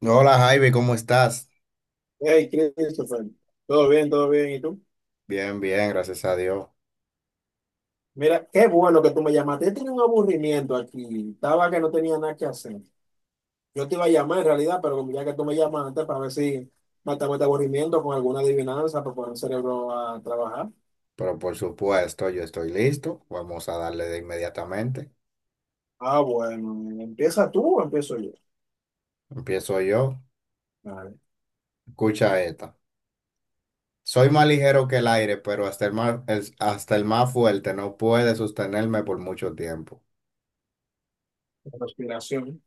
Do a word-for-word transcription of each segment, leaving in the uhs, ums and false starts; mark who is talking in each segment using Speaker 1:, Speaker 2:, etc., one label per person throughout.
Speaker 1: Hola Jaime, ¿cómo estás?
Speaker 2: Hey, Christopher, todo bien, todo bien. ¿Y tú?
Speaker 1: Bien, bien, gracias a Dios.
Speaker 2: Mira, qué bueno que tú me llamaste. Yo tenía un aburrimiento aquí. Estaba que no tenía nada que hacer. Yo te iba a llamar en realidad, pero como ya que tú me llamaste para ver si matamos este aburrimiento con alguna adivinanza para poner el cerebro a trabajar.
Speaker 1: Pero por supuesto, yo estoy listo. Vamos a darle de inmediatamente.
Speaker 2: Ah, bueno, ¿empieza tú o empiezo yo?
Speaker 1: Empiezo yo.
Speaker 2: Vale,
Speaker 1: Escucha esta. Soy más ligero que el aire, pero hasta el más, el- hasta el más fuerte no puede sostenerme por mucho tiempo.
Speaker 2: la respiración.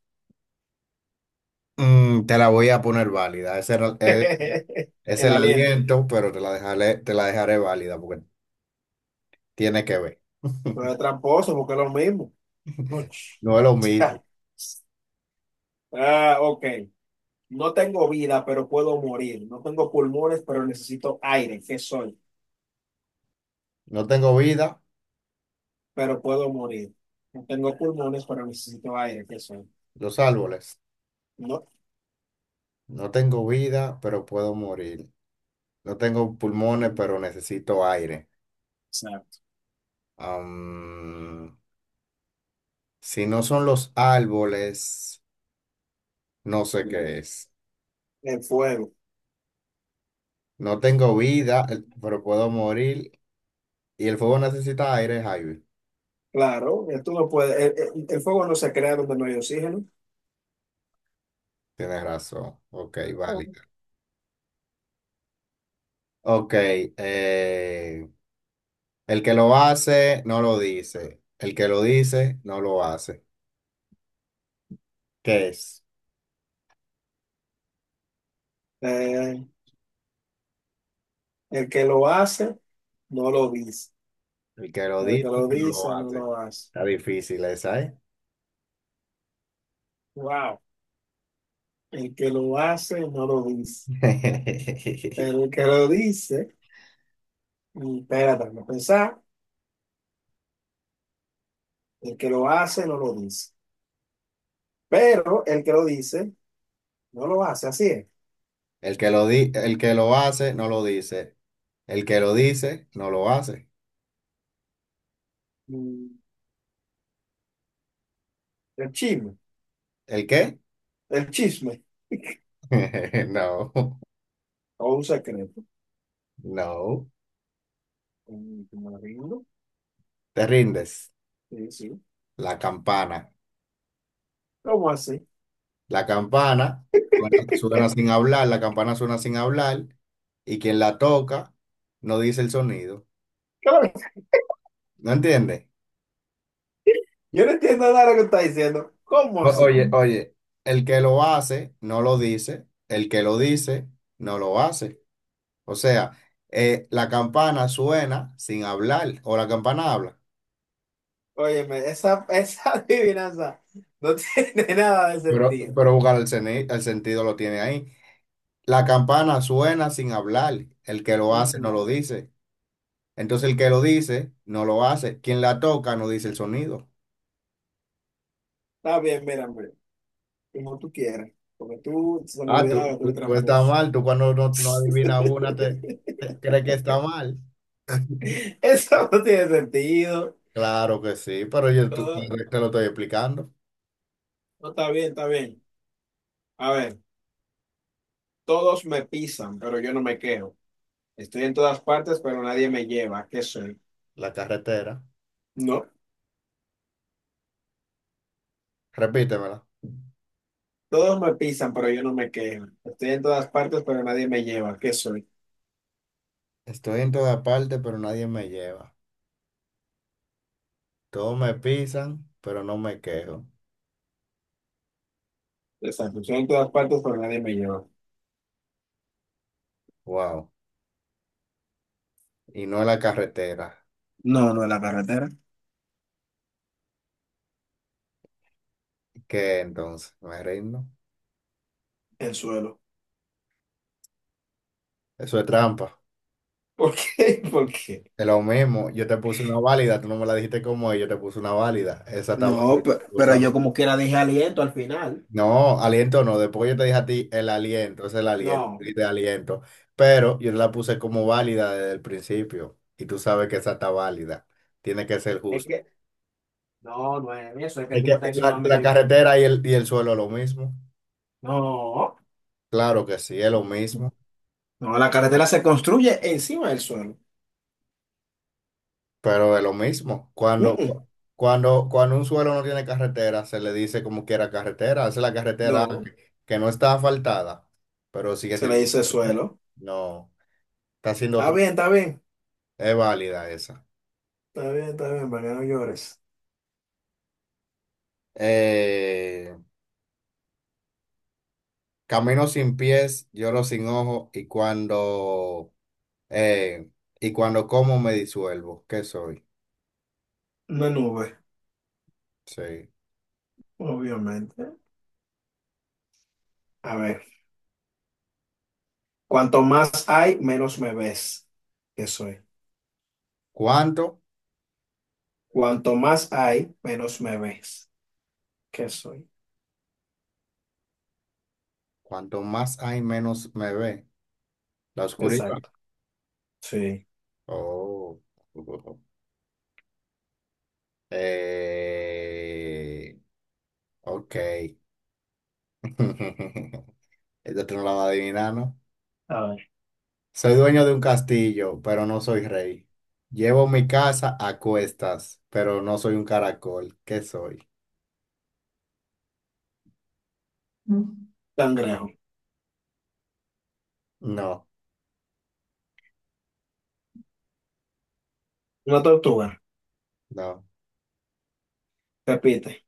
Speaker 1: Mm, te la voy a poner válida. Ese era- es, es
Speaker 2: El
Speaker 1: el
Speaker 2: aliento.
Speaker 1: aliento, pero te la dejaré, te la dejaré válida porque tiene que ver.
Speaker 2: Pero es tramposo porque es lo mismo. Uch.
Speaker 1: No es lo mismo.
Speaker 2: Ah, ok. No tengo vida, pero puedo morir. No tengo pulmones, pero necesito aire. ¿Qué soy?
Speaker 1: No tengo vida,
Speaker 2: Pero puedo morir. No tengo pulmones, pero necesito aire. ¿Qué soy?
Speaker 1: los árboles.
Speaker 2: No.
Speaker 1: No tengo vida, pero puedo morir. No tengo pulmones, pero necesito aire.
Speaker 2: Exacto.
Speaker 1: Am, si no son los árboles, no sé qué es.
Speaker 2: El fuego.
Speaker 1: No tengo vida, eh, pero puedo morir. Y el fuego necesita aire, Javi.
Speaker 2: Claro, eh, tú no puedes. El, el- el fuego no se crea donde no hay oxígeno.
Speaker 1: Tienes razón. Ok, vale. Ok, eh, el que lo hace, no lo dice. El que lo dice, no lo hace. ¿Qué es?
Speaker 2: Eh, el que lo hace, no lo dice.
Speaker 1: El que lo
Speaker 2: Pero el que
Speaker 1: dice,
Speaker 2: lo
Speaker 1: no
Speaker 2: dice,
Speaker 1: lo
Speaker 2: no
Speaker 1: hace.
Speaker 2: lo hace.
Speaker 1: Está difícil esa, ¿eh?
Speaker 2: Wow. El que lo hace, no lo dice. Pero el que lo dice, mm, espérate, no pensar. El que lo hace, no lo dice. Pero el que lo dice, no lo hace, así es.
Speaker 1: El que lo di- el que lo hace, no lo dice. El que lo dice, no lo hace.
Speaker 2: Mm, El chisme,
Speaker 1: ¿El qué?
Speaker 2: el chisme,
Speaker 1: No,
Speaker 2: o un secreto.
Speaker 1: no.
Speaker 2: Mm, Me rindo,
Speaker 1: Te rindes.
Speaker 2: sí, sí.
Speaker 1: La campana.
Speaker 2: ¿Cómo así?
Speaker 1: La campana suena, suena sin hablar, la campana suena sin hablar y quien la toca no dice el sonido.
Speaker 2: Claro,
Speaker 1: ¿No entiendes?
Speaker 2: yo no entiendo nada de lo que está diciendo. ¿Cómo
Speaker 1: O-
Speaker 2: así?
Speaker 1: Oye, oye, el que lo hace, no lo dice. El que lo dice, no lo hace. O sea, eh, la campana suena sin hablar o la campana habla.
Speaker 2: Óyeme, esa, esa adivinanza no tiene nada de
Speaker 1: Pero,
Speaker 2: sentido.
Speaker 1: pero buscar el, seni- el sentido lo tiene ahí. La campana suena sin hablar. El que lo hace no
Speaker 2: Ujú.
Speaker 1: lo dice. Entonces el que lo dice no lo hace. Quien la toca no dice el sonido.
Speaker 2: Está bien, mira, hombre, como tú quieras, porque tú se me
Speaker 1: Ah,
Speaker 2: olvidaba
Speaker 1: tú,
Speaker 2: que tú eres
Speaker 1: tú, tú estás
Speaker 2: tramposo.
Speaker 1: mal. Tú cuando no, no adivinas una te, te crees que está mal.
Speaker 2: Eso no tiene sentido.
Speaker 1: Claro que sí, pero yo tú-
Speaker 2: No,
Speaker 1: te lo estoy explicando.
Speaker 2: no, está bien, está bien. A ver. Todos me pisan, pero yo no me quejo. Estoy en todas partes, pero nadie me lleva. ¿Qué soy?
Speaker 1: La carretera.
Speaker 2: No.
Speaker 1: Repítemela.
Speaker 2: Todos me pisan, pero yo no me quejo. Estoy en todas partes, pero nadie me lleva. ¿Qué soy?
Speaker 1: Estoy en toda parte, pero nadie me lleva. Todos me pisan, pero no me quejo.
Speaker 2: Exacto. Estoy en todas partes, pero nadie me lleva.
Speaker 1: Wow. Y no es la carretera.
Speaker 2: No, no es la carretera.
Speaker 1: ¿Qué entonces? Me rindo.
Speaker 2: El suelo.
Speaker 1: Eso es trampa.
Speaker 2: ¿Por qué? ¿Por qué?
Speaker 1: Es lo mismo. Yo te puse una válida, tú no me la dijiste como es, yo te puse una válida. Esa está
Speaker 2: No,
Speaker 1: válida.
Speaker 2: pe-
Speaker 1: Tú
Speaker 2: pero,
Speaker 1: sabes.
Speaker 2: yo como quiera dije aliento al final.
Speaker 1: No, aliento no. Después yo te dije a ti el aliento, es el aliento,
Speaker 2: No.
Speaker 1: y de aliento. Pero yo la puse como válida desde el principio. Y tú sabes que esa está válida. Tiene que ser
Speaker 2: Es
Speaker 1: justo.
Speaker 2: que, no, no es eso. Es que
Speaker 1: Es
Speaker 2: tú me
Speaker 1: que
Speaker 2: estás diciendo
Speaker 1: la,
Speaker 2: a mí
Speaker 1: la
Speaker 2: de que.
Speaker 1: carretera y el, y el suelo es lo mismo.
Speaker 2: No.
Speaker 1: Claro que sí, es lo mismo.
Speaker 2: No, la carretera se construye encima del suelo.
Speaker 1: Pero es lo mismo.
Speaker 2: Mm,
Speaker 1: Cuando,
Speaker 2: mm.
Speaker 1: cuando, cuando un suelo no tiene carretera, se le dice como quiera carretera. Esa es la carretera
Speaker 2: No.
Speaker 1: que no está asfaltada, pero sigue
Speaker 2: Se le
Speaker 1: siendo una
Speaker 2: dice
Speaker 1: carretera.
Speaker 2: suelo.
Speaker 1: No, está siendo
Speaker 2: Está
Speaker 1: otra.
Speaker 2: bien, está bien.
Speaker 1: Es válida esa.
Speaker 2: Está bien, está bien, para que no llores.
Speaker 1: Eh, Camino sin pies, lloro sin ojos y cuando, eh, y cuando como me disuelvo. ¿Qué soy?
Speaker 2: Una nube,
Speaker 1: Sí.
Speaker 2: obviamente. A ver, cuanto más hay, menos me ves. ¿Qué soy?
Speaker 1: ¿Cuánto?
Speaker 2: Cuanto más hay, menos me ves. ¿Qué soy?
Speaker 1: Cuanto más hay, menos me ve. La oscuridad.
Speaker 2: Exacto. Sí.
Speaker 1: Oh. Eh, ok. Esta tú no la vas a adivinar, ¿no?
Speaker 2: A ver,
Speaker 1: Soy dueño de un castillo, pero no soy rey. Llevo mi casa a cuestas, pero no soy un caracol. ¿Qué soy? Mm.
Speaker 2: cangrejo.
Speaker 1: No,
Speaker 2: Una tortuga.
Speaker 1: no.
Speaker 2: Repite.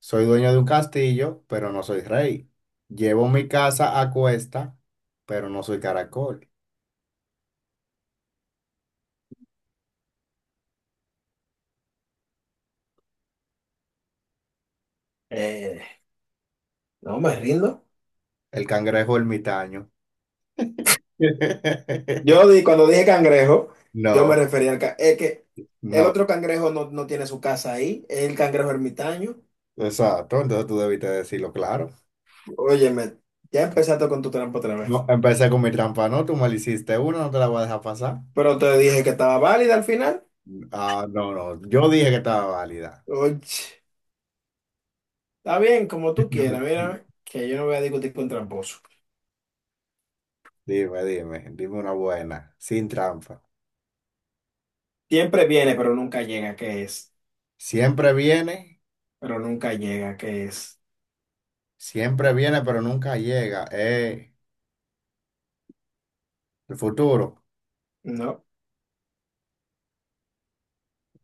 Speaker 1: Soy dueño de un castillo, pero no soy rey. Llevo mi casa a cuesta, pero no soy caracol.
Speaker 2: Eh, no me rindo.
Speaker 1: El cangrejo ermitaño.
Speaker 2: Yo di, cuando dije cangrejo, yo me
Speaker 1: No,
Speaker 2: refería al... ca- Es que el
Speaker 1: no.
Speaker 2: otro cangrejo, no, no tiene su casa ahí. Es el cangrejo ermitaño.
Speaker 1: Exacto. Entonces tú debiste decirlo claro.
Speaker 2: Óyeme, ya empezaste con tu trampa otra vez.
Speaker 1: No, empecé con mi trampa, ¿no? Tú mal hiciste una, no te la voy a dejar pasar.
Speaker 2: Pero te dije que estaba válida al final.
Speaker 1: Ah, no, no, yo dije que estaba válida.
Speaker 2: Oye, está bien, como tú quieras, mira, que yo no voy a discutir con tramposo.
Speaker 1: Dime, dime, dime una buena, sin trampa.
Speaker 2: Siempre viene, pero nunca llega, ¿qué es?
Speaker 1: Siempre viene,
Speaker 2: Pero nunca llega, ¿qué es?
Speaker 1: siempre viene, pero nunca llega. Eh, el futuro.
Speaker 2: No,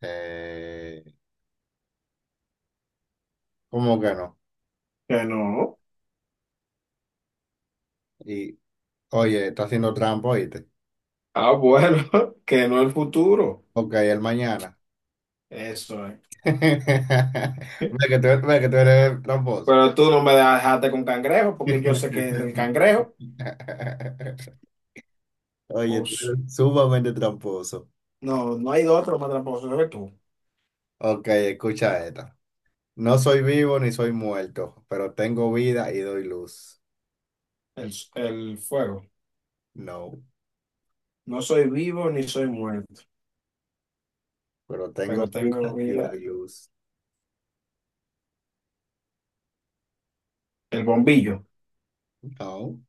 Speaker 1: Eh, ¿Cómo que no?
Speaker 2: que no.
Speaker 1: Y, oye, está haciendo trampa, ¿oíste?
Speaker 2: Ah, bueno, que no el futuro.
Speaker 1: Ok, el mañana.
Speaker 2: Eso es.
Speaker 1: Ve que tú, ve que tú eres tramposo.
Speaker 2: Pero tú no me dejaste con cangrejo, porque yo sé que es el cangrejo.
Speaker 1: Oye, tú
Speaker 2: Pues
Speaker 1: eres sumamente tramposo.
Speaker 2: no, no hay de otro más tramposo que tú.
Speaker 1: Ok, escucha esta. No soy vivo ni soy muerto, pero tengo vida y doy luz.
Speaker 2: El, el fuego.
Speaker 1: No,
Speaker 2: No soy vivo ni soy muerto,
Speaker 1: pero tengo
Speaker 2: pero tengo
Speaker 1: vida y
Speaker 2: vida.
Speaker 1: doy luz.
Speaker 2: El bombillo.
Speaker 1: No,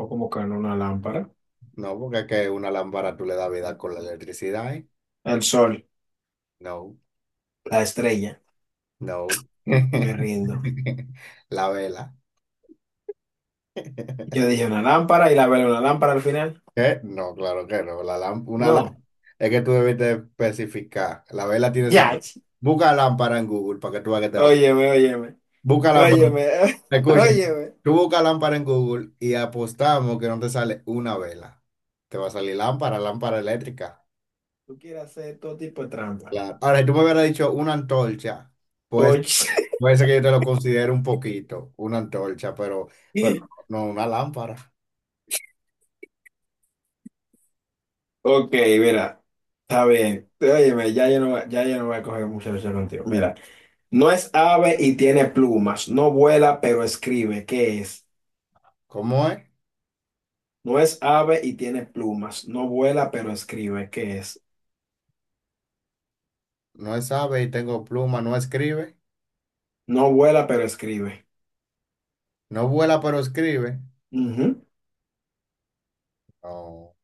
Speaker 2: O como que en una lámpara.
Speaker 1: no, porque es que una lámpara tú le das vida con la electricidad, ¿eh?
Speaker 2: El sol,
Speaker 1: No,
Speaker 2: la estrella,
Speaker 1: no.
Speaker 2: me rindo.
Speaker 1: La vela.
Speaker 2: Yo dije una lámpara y la veo una lámpara al final.
Speaker 1: ¿Qué? No, claro que no. La lám- una lá-
Speaker 2: No.
Speaker 1: Es que tú debes de especificar. La vela tiene su...
Speaker 2: Ya.
Speaker 1: Busca lámpara en Google para que tú veas que te va a
Speaker 2: Óyeme, óyeme,
Speaker 1: busca lámpara.
Speaker 2: óyeme,
Speaker 1: Escuchen,
Speaker 2: óyeme.
Speaker 1: tú busca lámpara en Google y apostamos que no te sale una vela. Te va a salir lámpara, lámpara eléctrica.
Speaker 2: Tú quieres hacer todo tipo de trampa.
Speaker 1: Claro. Ahora, si tú me hubieras dicho una antorcha, pues
Speaker 2: Oye.
Speaker 1: puede ser que yo te lo considere un poquito, una antorcha, pero, pero no una lámpara.
Speaker 2: Ok, mira. Está bien. Óyeme, ya yo no, ya yo no voy a coger mucha lucha contigo. Mira, no es ave y tiene plumas. No vuela, pero escribe. ¿Qué es?
Speaker 1: ¿Cómo es?
Speaker 2: No es ave y tiene plumas. No vuela, pero escribe. ¿Qué es?
Speaker 1: No sabe y tengo pluma, no escribe.
Speaker 2: No vuela, pero escribe.
Speaker 1: No vuela, pero escribe.
Speaker 2: Ujú.
Speaker 1: No,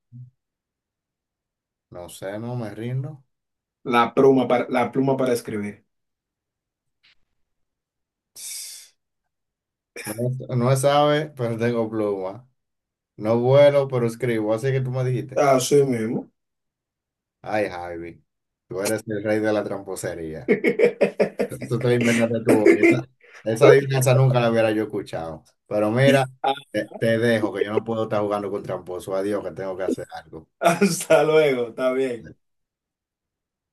Speaker 1: no sé, no me rindo.
Speaker 2: La pluma para, la pluma para escribir.
Speaker 1: No, no sabe, pero tengo pluma. No vuelo, pero escribo, así que tú me dijiste.
Speaker 2: Así mismo.
Speaker 1: Ay, Javi, tú eres el rey de la tramposería. Tú te inventaste tu boquita. Esa adivinanza nunca la hubiera yo escuchado. Pero mira, te, te dejo, que yo no puedo estar jugando con tramposo. Adiós, que tengo que hacer algo.
Speaker 2: Hasta luego, está bien.